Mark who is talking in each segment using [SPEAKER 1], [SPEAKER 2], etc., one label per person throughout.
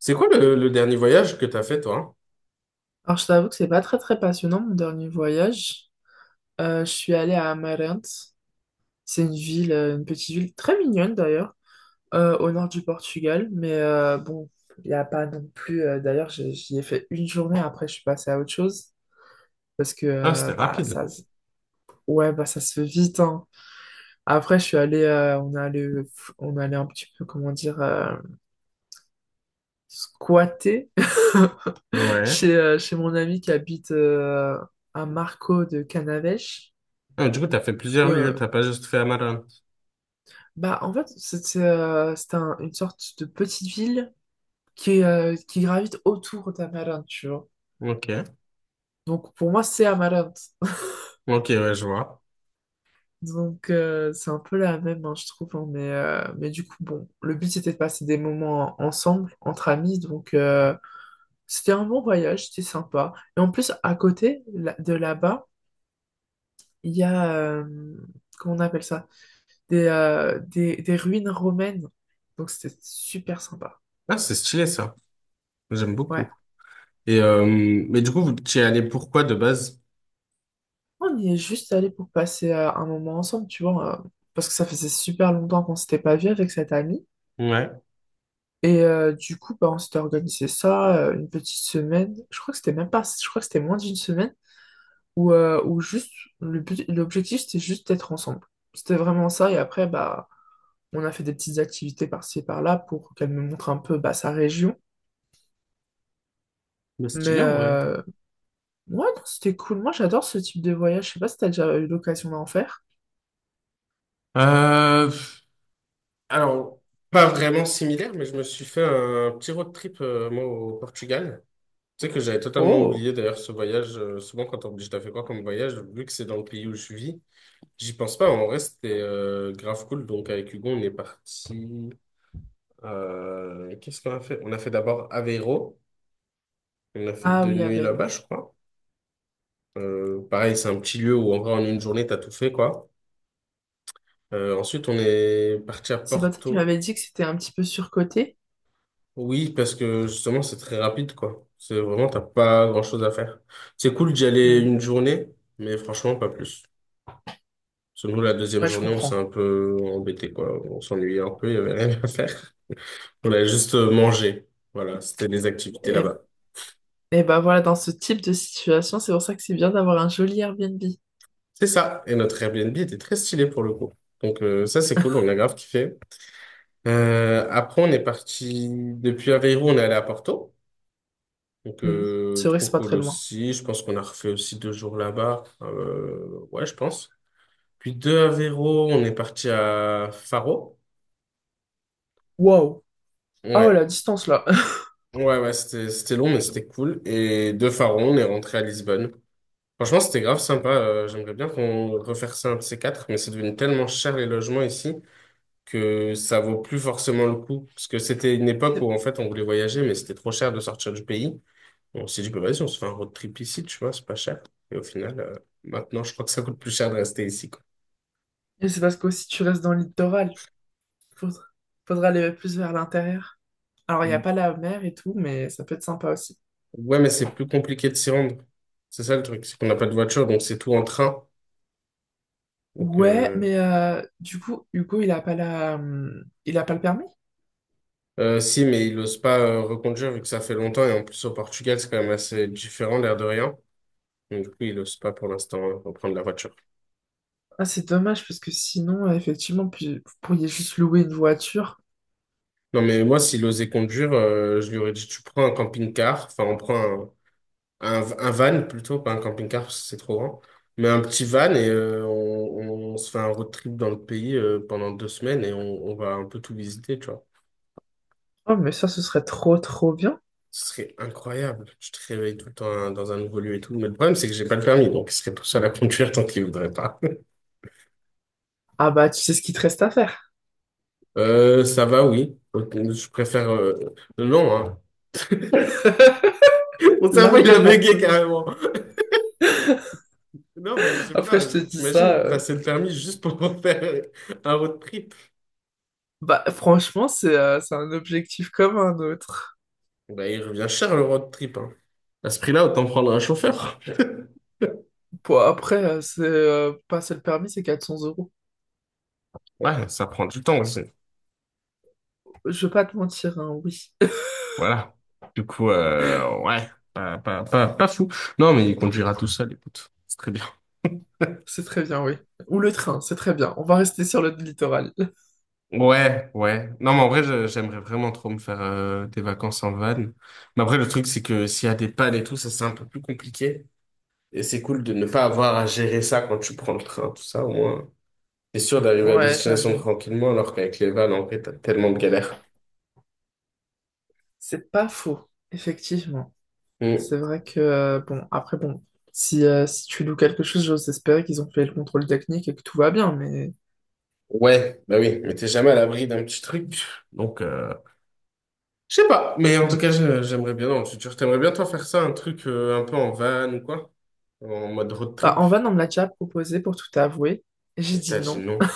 [SPEAKER 1] C'est quoi le dernier voyage que t'as fait, toi?
[SPEAKER 2] Alors, je t'avoue que c'est pas très très passionnant mon dernier voyage. Je suis allée à Amarante. C'est une ville, une petite ville très mignonne d'ailleurs, au nord du Portugal. Mais bon, il n'y a pas non plus. D'ailleurs, j'y ai fait une journée. Après, je suis passée à autre chose parce que
[SPEAKER 1] Ah, c'était
[SPEAKER 2] bah
[SPEAKER 1] rapide.
[SPEAKER 2] ouais bah ça se fait vite, hein. Après, je suis allée, on est allé un petit peu comment dire, squatter
[SPEAKER 1] Ouais.
[SPEAKER 2] chez chez mon ami qui habite à Marco de Canavêche.
[SPEAKER 1] Ah, du coup, t'as fait plusieurs
[SPEAKER 2] Et euh,
[SPEAKER 1] lieux, t'as pas juste fait Amarante.
[SPEAKER 2] Bah, en fait, c'est une sorte de petite ville qui est, qui gravite autour d'Amarante, tu vois.
[SPEAKER 1] Ok.
[SPEAKER 2] Donc, pour moi, c'est Amarante.
[SPEAKER 1] Ok, ouais, je vois.
[SPEAKER 2] Donc, c'est un peu la même, hein, je trouve. Hein, mais du coup, bon, le but, c'était de passer des moments ensemble, entre amis. Donc, c'était un bon voyage, c'était sympa. Et en plus, à côté de là-bas, il y a, comment on appelle ça? Des, des ruines romaines. Donc, c'était super sympa.
[SPEAKER 1] Ah, c'est stylé, ça. J'aime beaucoup.
[SPEAKER 2] Ouais.
[SPEAKER 1] Et, mais du coup, vous t'y es allé pourquoi de base?
[SPEAKER 2] On y est juste allé pour passer un moment ensemble, tu vois, parce que ça faisait super longtemps qu'on s'était pas vu avec cette amie.
[SPEAKER 1] Ouais.
[SPEAKER 2] Du coup, bah, on s'était organisé ça, une petite semaine. Je crois que c'était même pas, je crois que c'était moins d'une semaine, où, où juste, le but, l'objectif, c'était juste d'être ensemble. C'était vraiment ça. Et après, bah, on a fait des petites activités par-ci, et par-là pour qu'elle me montre un peu bah, sa région.
[SPEAKER 1] Mais stylé, en vrai.
[SPEAKER 2] Ouais, non, c'était cool. Moi, j'adore ce type de voyage. Je sais pas si t'as déjà eu l'occasion d'en faire.
[SPEAKER 1] Euh, alors, pas vraiment similaire, mais je me suis fait un petit road trip, moi, au Portugal. Tu sais que j'avais totalement
[SPEAKER 2] Oh!
[SPEAKER 1] oublié, d'ailleurs, ce voyage. Souvent, quand on me dit, je t'as fait quoi comme voyage, vu que c'est dans le pays où je vis. J'y pense pas, en vrai, c'était grave cool. Donc, avec Hugo, on est parti. Qu'est-ce qu'on a fait? On a fait d'abord Aveiro. On a fait
[SPEAKER 2] Ah
[SPEAKER 1] deux
[SPEAKER 2] oui,
[SPEAKER 1] nuits
[SPEAKER 2] avec.
[SPEAKER 1] là-bas, je crois. Pareil, c'est un petit lieu où, en vrai, en une journée, t'as tout fait, quoi. Ensuite, on est parti à
[SPEAKER 2] C'est Patrick qui
[SPEAKER 1] Porto.
[SPEAKER 2] m'avait dit que c'était un petit peu surcoté.
[SPEAKER 1] Oui, parce que justement, c'est très rapide, quoi. C'est vraiment, t'as pas grand-chose à faire. C'est cool d'y aller
[SPEAKER 2] Hmm.
[SPEAKER 1] une journée, mais franchement, pas plus. Parce que nous, la deuxième
[SPEAKER 2] Ouais, je
[SPEAKER 1] journée, on s'est
[SPEAKER 2] comprends.
[SPEAKER 1] un peu embêté, quoi. On s'ennuyait un peu, il y avait rien à faire. On a juste mangé. Voilà, c'était les activités
[SPEAKER 2] Et,
[SPEAKER 1] là-bas.
[SPEAKER 2] et bah voilà, dans ce type de situation, c'est pour ça que c'est bien d'avoir un joli Airbnb.
[SPEAKER 1] C'est ça. Et notre Airbnb était très stylé pour le coup. Donc, ça, c'est cool, on a grave kiffé. Après, on est parti depuis Aveiro, on est allé à Porto. Donc
[SPEAKER 2] Hmm.
[SPEAKER 1] euh,
[SPEAKER 2] C'est vrai que
[SPEAKER 1] trop
[SPEAKER 2] c'est pas
[SPEAKER 1] cool
[SPEAKER 2] très loin.
[SPEAKER 1] aussi. Je pense qu'on a refait aussi 2 jours là-bas. Ouais, je pense. Puis de Aveiro, on est parti à Faro.
[SPEAKER 2] Waouh. Ah ouais, la
[SPEAKER 1] Ouais,
[SPEAKER 2] distance là.
[SPEAKER 1] ouais, ouais, c'était long, mais c'était cool. Et de Faro, on est rentré à Lisbonne. Franchement, c'était grave sympa. J'aimerais bien qu'on refaire ça un de ces quatre, mais c'est devenu tellement cher les logements ici que ça vaut plus forcément le coup. Parce que c'était une époque où
[SPEAKER 2] C'est-
[SPEAKER 1] en fait on voulait voyager, mais c'était trop cher de sortir du pays. On s'est dit, bah, vas-y, on se fait un road trip ici, tu vois, c'est pas cher. Et au final, maintenant, je crois que ça coûte plus cher de rester ici, quoi.
[SPEAKER 2] Et c'est parce que qu'aussi tu restes dans le littoral. Faudra, faudra aller plus vers l'intérieur. Alors, il n'y a pas la mer et tout, mais ça peut être sympa aussi.
[SPEAKER 1] Ouais, mais c'est plus compliqué de s'y rendre. C'est ça le truc, c'est qu'on n'a pas de voiture, donc c'est tout en train. Donc,
[SPEAKER 2] Ouais, mais du coup, Hugo, il a pas la, il a pas le permis?
[SPEAKER 1] si, mais il n'ose pas reconduire vu que ça fait longtemps et en plus au Portugal, c'est quand même assez différent, l'air de rien. Mais du coup, il n'ose pas pour l'instant hein, reprendre la voiture.
[SPEAKER 2] Ah, c'est dommage parce que sinon, effectivement, puis- vous pourriez juste louer une voiture.
[SPEAKER 1] Non, mais moi, s'il osait conduire, je lui aurais dit, tu prends un camping-car, enfin, on prend un van plutôt, pas un camping-car, parce que c'est trop grand, mais un petit van et on se fait un road trip dans le pays pendant 2 semaines et on va un peu tout visiter, tu vois.
[SPEAKER 2] Oh, mais ça, ce serait trop, trop bien.
[SPEAKER 1] Ce serait incroyable. Tu te réveilles tout le temps hein, dans un nouveau lieu et tout. Mais le problème, c'est que j'ai pas le permis, donc il serait tout seul à conduire tant qu'il voudrait pas.
[SPEAKER 2] Ah bah, tu sais ce qu'il te reste à faire.
[SPEAKER 1] Ça va, oui. Ok, je préfère... Non, hein. Mon cerveau, il a
[SPEAKER 2] L'argument.
[SPEAKER 1] bugué carrément. Non, mais je sais
[SPEAKER 2] Après,
[SPEAKER 1] pas,
[SPEAKER 2] je te dis ça.
[SPEAKER 1] t'imagines passer le permis juste pour faire un road trip.
[SPEAKER 2] Bah, franchement, c'est un objectif comme un autre.
[SPEAKER 1] Bah, il revient cher le road trip, hein. À ce prix-là, autant prendre un chauffeur.
[SPEAKER 2] Bon, après, c'est passer le permis, c'est 400 euros.
[SPEAKER 1] Ouais, ça prend du temps aussi.
[SPEAKER 2] Je vais pas te mentir, hein, oui.
[SPEAKER 1] Voilà. Du coup, ouais, pas fou. Non, mais il conduira tout seul, écoute. C'est très bien.
[SPEAKER 2] C'est très bien, oui. Ou le train, c'est très bien. On va rester sur le littoral.
[SPEAKER 1] Ouais, ouais. Non, mais en vrai, j'aimerais vraiment trop me faire des vacances en van. Mais après, le truc, c'est que s'il y a des pannes et tout, ça, c'est un peu plus compliqué. Et c'est cool de ne pas avoir à gérer ça quand tu prends le train, tout ça, au moins. T'es sûr d'arriver à
[SPEAKER 2] Ouais,
[SPEAKER 1] destination
[SPEAKER 2] j'avoue.
[SPEAKER 1] tranquillement alors qu'avec les vannes, en vrai, t'as tellement de galères.
[SPEAKER 2] C'est pas faux, effectivement. C'est
[SPEAKER 1] Hmm.
[SPEAKER 2] vrai que, bon, après, bon, si tu loues quelque chose, j'ose espérer qu'ils ont fait le contrôle technique et que tout va bien, mais…
[SPEAKER 1] Ouais, bah oui, mais t'es jamais à l'abri d'un petit truc. Donc, je sais pas, mais en tout
[SPEAKER 2] Hmm.
[SPEAKER 1] cas, j'aimerais bien, dans le futur, t'aimerais bien toi faire ça, un truc un peu en van ou quoi? En mode road
[SPEAKER 2] Bah,
[SPEAKER 1] trip?
[SPEAKER 2] en van, on me l'a déjà proposé pour tout avouer. J'ai
[SPEAKER 1] Et t'as
[SPEAKER 2] dit
[SPEAKER 1] dit
[SPEAKER 2] non.
[SPEAKER 1] non.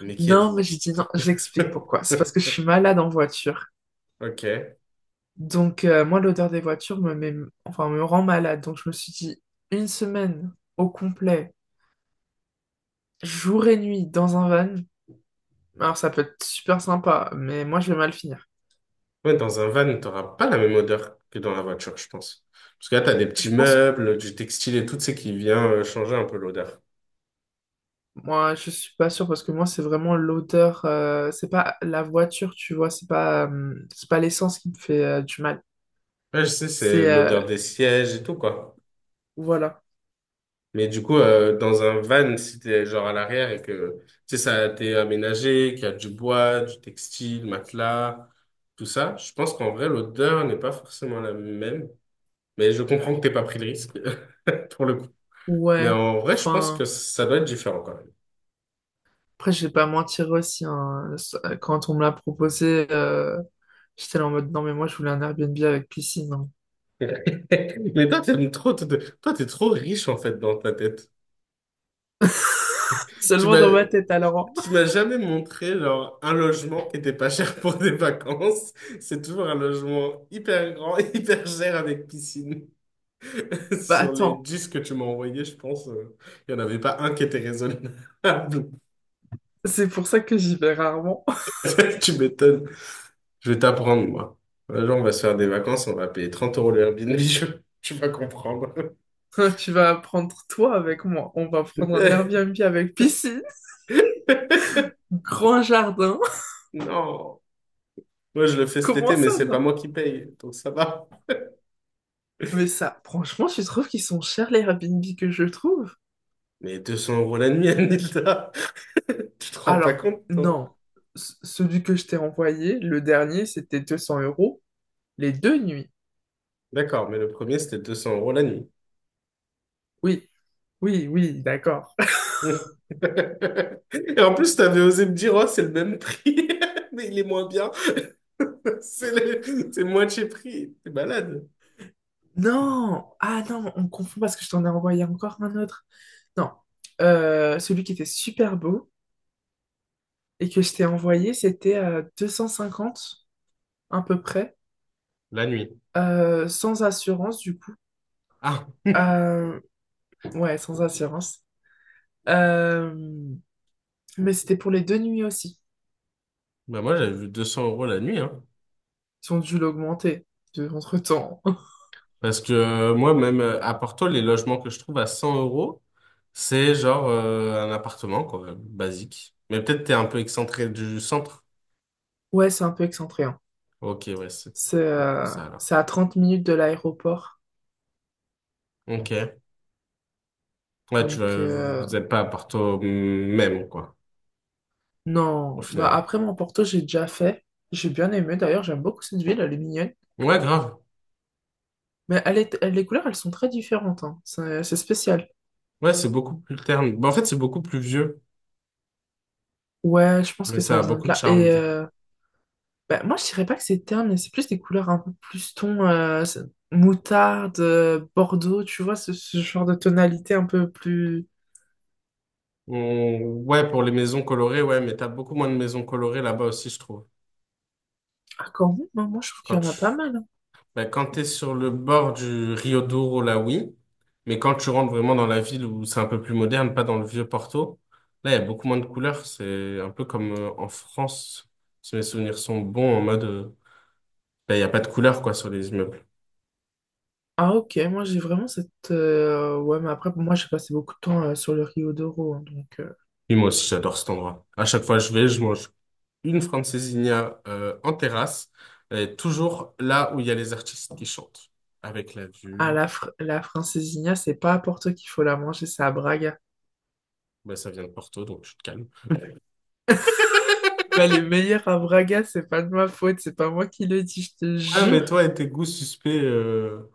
[SPEAKER 1] Mais qui
[SPEAKER 2] Non,
[SPEAKER 1] êtes-vous?
[SPEAKER 2] mais j'ai dit non. J'explique pourquoi. C'est parce que je suis malade en voiture.
[SPEAKER 1] Ok.
[SPEAKER 2] Donc, moi, l'odeur des voitures me met, enfin, me rend malade. Donc, je me suis dit une semaine au complet, jour et nuit, dans un van. Alors, ça peut être super sympa, mais moi, je vais mal finir.
[SPEAKER 1] Ouais, dans un van, t'auras pas la même odeur que dans la voiture, je pense. Parce que là, t'as des petits
[SPEAKER 2] Je pense,
[SPEAKER 1] meubles, du textile et tout, tu sais, qui vient changer un peu l'odeur.
[SPEAKER 2] moi, je suis pas sûre parce que moi, c'est vraiment l'odeur. C'est pas la voiture, tu vois. C'est pas l'essence qui me fait du mal.
[SPEAKER 1] Ouais, je sais, c'est
[SPEAKER 2] C'est, euh,
[SPEAKER 1] l'odeur des sièges et tout, quoi.
[SPEAKER 2] voilà.
[SPEAKER 1] Mais du coup, dans un van, si t'es genre à l'arrière et que, tu sais, ça a été aménagé, qu'il y a du bois, du textile, matelas, tout ça, je pense qu'en vrai, l'odeur n'est pas forcément la même. Mais je comprends que t'aies pas pris le risque, pour le coup. Mais
[SPEAKER 2] Ouais.
[SPEAKER 1] en vrai, je pense
[SPEAKER 2] Enfin.
[SPEAKER 1] que ça doit être différent quand même.
[SPEAKER 2] Après, je vais pas mentir aussi, hein. Quand on me l'a proposé, j'étais là en mode non, mais moi je voulais un Airbnb avec piscine, hein.
[SPEAKER 1] Mais toi, t'aimes trop, toi, t'es trop riche en fait dans ta tête. Tu
[SPEAKER 2] Seulement
[SPEAKER 1] m'as,
[SPEAKER 2] dans ma tête alors, hein.
[SPEAKER 1] tu m'as jamais montré genre un logement qui était pas cher pour des vacances. C'est toujours un logement hyper grand, hyper cher avec piscine.
[SPEAKER 2] Bah
[SPEAKER 1] Sur les
[SPEAKER 2] attends,
[SPEAKER 1] 10 que tu m'as envoyés, je pense, il n'y en avait pas un qui était raisonnable.
[SPEAKER 2] c'est pour ça que j'y vais rarement.
[SPEAKER 1] Tu m'étonnes. Je vais t'apprendre, moi. Un jour, on va se faire des vacances, on va payer 30 € le Airbnb, tu vas comprendre.
[SPEAKER 2] Tu vas prendre toi avec moi. On va prendre un Airbnb avec piscine, grand jardin.
[SPEAKER 1] Non, moi je le fais cet
[SPEAKER 2] Comment
[SPEAKER 1] été, mais
[SPEAKER 2] ça,
[SPEAKER 1] c'est pas
[SPEAKER 2] non?
[SPEAKER 1] moi qui paye, donc ça va.
[SPEAKER 2] Mais ça, franchement, tu trouves qu'ils sont chers les Airbnb que je trouve?
[SPEAKER 1] Mais 200 € la nuit, Anilda, tu te rends pas
[SPEAKER 2] Alors,
[SPEAKER 1] compte, toi?
[SPEAKER 2] non. C- Celui que je t'ai envoyé, le dernier, c'était 200 euros les deux nuits.
[SPEAKER 1] D'accord, mais le premier, c'était 200 € la nuit.
[SPEAKER 2] Oui, oui, d'accord.
[SPEAKER 1] Et en plus, t'avais osé me dire, oh, c'est le même prix, mais il est moins bien. C'est le... c'est le moitié prix. T'es malade.
[SPEAKER 2] Non! Ah non, on confond parce que je t'en ai envoyé encore un autre. Non. Celui qui était super beau et que je t'ai envoyé, c'était à 250, à peu près,
[SPEAKER 1] La nuit.
[SPEAKER 2] sans assurance du coup.
[SPEAKER 1] Ah,
[SPEAKER 2] Euh, ouais, sans assurance. Euh, mais c'était pour les deux nuits aussi.
[SPEAKER 1] bah moi j'avais vu 200 € la nuit, hein.
[SPEAKER 2] Ils ont dû l'augmenter de, entre-temps.
[SPEAKER 1] Parce que moi, même à Porto, les logements que je trouve à 100 euros, c'est genre un appartement, quoi, basique. Mais peut-être t'es un peu excentré du centre.
[SPEAKER 2] Ouais, c'est un peu excentré, hein.
[SPEAKER 1] Ok, ouais, c'est peut-être pour ça alors.
[SPEAKER 2] C'est à 30 minutes de l'aéroport.
[SPEAKER 1] Ok. Ouais,
[SPEAKER 2] Donc,
[SPEAKER 1] vous
[SPEAKER 2] euh,
[SPEAKER 1] vous êtes pas à Porto même, quoi, au
[SPEAKER 2] Non, bah
[SPEAKER 1] final.
[SPEAKER 2] après mon Porto, j'ai déjà fait. J'ai bien aimé d'ailleurs, j'aime beaucoup cette ville, elle est mignonne.
[SPEAKER 1] Ouais, grave.
[SPEAKER 2] Mais elle est, elle- les couleurs, elles sont très différentes, hein. C'est spécial.
[SPEAKER 1] Ouais, c'est beaucoup plus terne. Bah, en fait, c'est beaucoup plus vieux,
[SPEAKER 2] Ouais, je pense
[SPEAKER 1] mais
[SPEAKER 2] que
[SPEAKER 1] ça
[SPEAKER 2] ça
[SPEAKER 1] a
[SPEAKER 2] vient
[SPEAKER 1] beaucoup
[SPEAKER 2] de
[SPEAKER 1] de
[SPEAKER 2] là.
[SPEAKER 1] charme, du coup.
[SPEAKER 2] Bah, moi, je dirais pas que c'est terne, mais c'est plus des couleurs un peu plus ton c'est- moutarde, bordeaux, tu vois, ce genre de tonalité un peu plus.
[SPEAKER 1] Ouais, pour les maisons colorées, ouais, mais t'as beaucoup moins de maisons colorées là-bas aussi, je trouve.
[SPEAKER 2] Ah, quand même, hein, moi, je trouve qu'il
[SPEAKER 1] Quand
[SPEAKER 2] y en
[SPEAKER 1] tu...
[SPEAKER 2] a pas mal, hein.
[SPEAKER 1] ben, quand t'es sur le bord du Rio Douro, là, oui. Mais quand tu rentres vraiment dans la ville où c'est un peu plus moderne, pas dans le vieux Porto, là, il y a beaucoup moins de couleurs. C'est un peu comme en France, si mes souvenirs sont bons, en mode, ben, il n'y a pas de couleurs, quoi, sur les immeubles.
[SPEAKER 2] Ah, ok, moi, j'ai vraiment cette. Ouais, mais après, moi, j'ai passé beaucoup de temps sur le Rio d'Oro, hein, donc.
[SPEAKER 1] Et moi aussi, j'adore cet endroit. À chaque fois que je vais, je mange une francesinha en terrasse, et toujours là où il y a les artistes qui chantent, avec la
[SPEAKER 2] Ah,
[SPEAKER 1] vue.
[SPEAKER 2] la, fr- la francesinha, c'est pas à Porto qu'il faut la manger, c'est à Braga.
[SPEAKER 1] Bah, ça vient de Porto, donc tu te calmes.
[SPEAKER 2] Bah, les meilleurs à Braga, c'est pas de ma faute, c'est pas moi qui le dis, je te
[SPEAKER 1] Ouais, mais
[SPEAKER 2] jure.
[SPEAKER 1] toi et tes goûts suspects,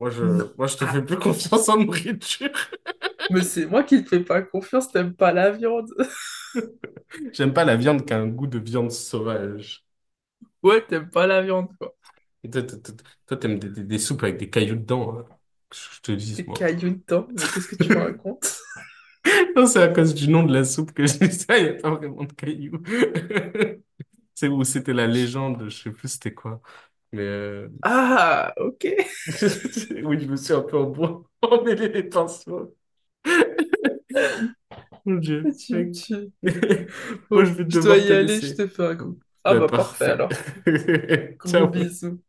[SPEAKER 1] moi,
[SPEAKER 2] Non.
[SPEAKER 1] je te fais
[SPEAKER 2] Ah,
[SPEAKER 1] plus confiance en nourriture.
[SPEAKER 2] mais c'est moi qui te fais pas confiance, t'aimes pas la viande.
[SPEAKER 1] J'aime pas la viande qui a un goût de viande sauvage.
[SPEAKER 2] Ouais, t'aimes pas la viande, quoi.
[SPEAKER 1] Et toi, t'aimes des soupes avec des cailloux dedans, hein. Que je te dis,
[SPEAKER 2] T'es
[SPEAKER 1] moi.
[SPEAKER 2] caillou dedans, mais qu'est-ce que tu me racontes?
[SPEAKER 1] Non, c'est à cause du nom de la soupe que je dis ça, il n'y a pas vraiment de cailloux. C'est où c'était la légende, je sais plus c'était quoi. Mais
[SPEAKER 2] Ah, ok.
[SPEAKER 1] oui, je me suis un peu emmêlé les pinceaux. Mon Dieu,
[SPEAKER 2] Tu me
[SPEAKER 1] mec.
[SPEAKER 2] tues.
[SPEAKER 1] Moi, je
[SPEAKER 2] Bon,
[SPEAKER 1] vais
[SPEAKER 2] je dois
[SPEAKER 1] devoir te
[SPEAKER 2] y aller, je
[SPEAKER 1] laisser.
[SPEAKER 2] te fais un
[SPEAKER 1] Bon,
[SPEAKER 2] coup. Ah
[SPEAKER 1] ben,
[SPEAKER 2] bah parfait
[SPEAKER 1] parfait.
[SPEAKER 2] alors. Gros
[SPEAKER 1] Ciao.
[SPEAKER 2] bisous.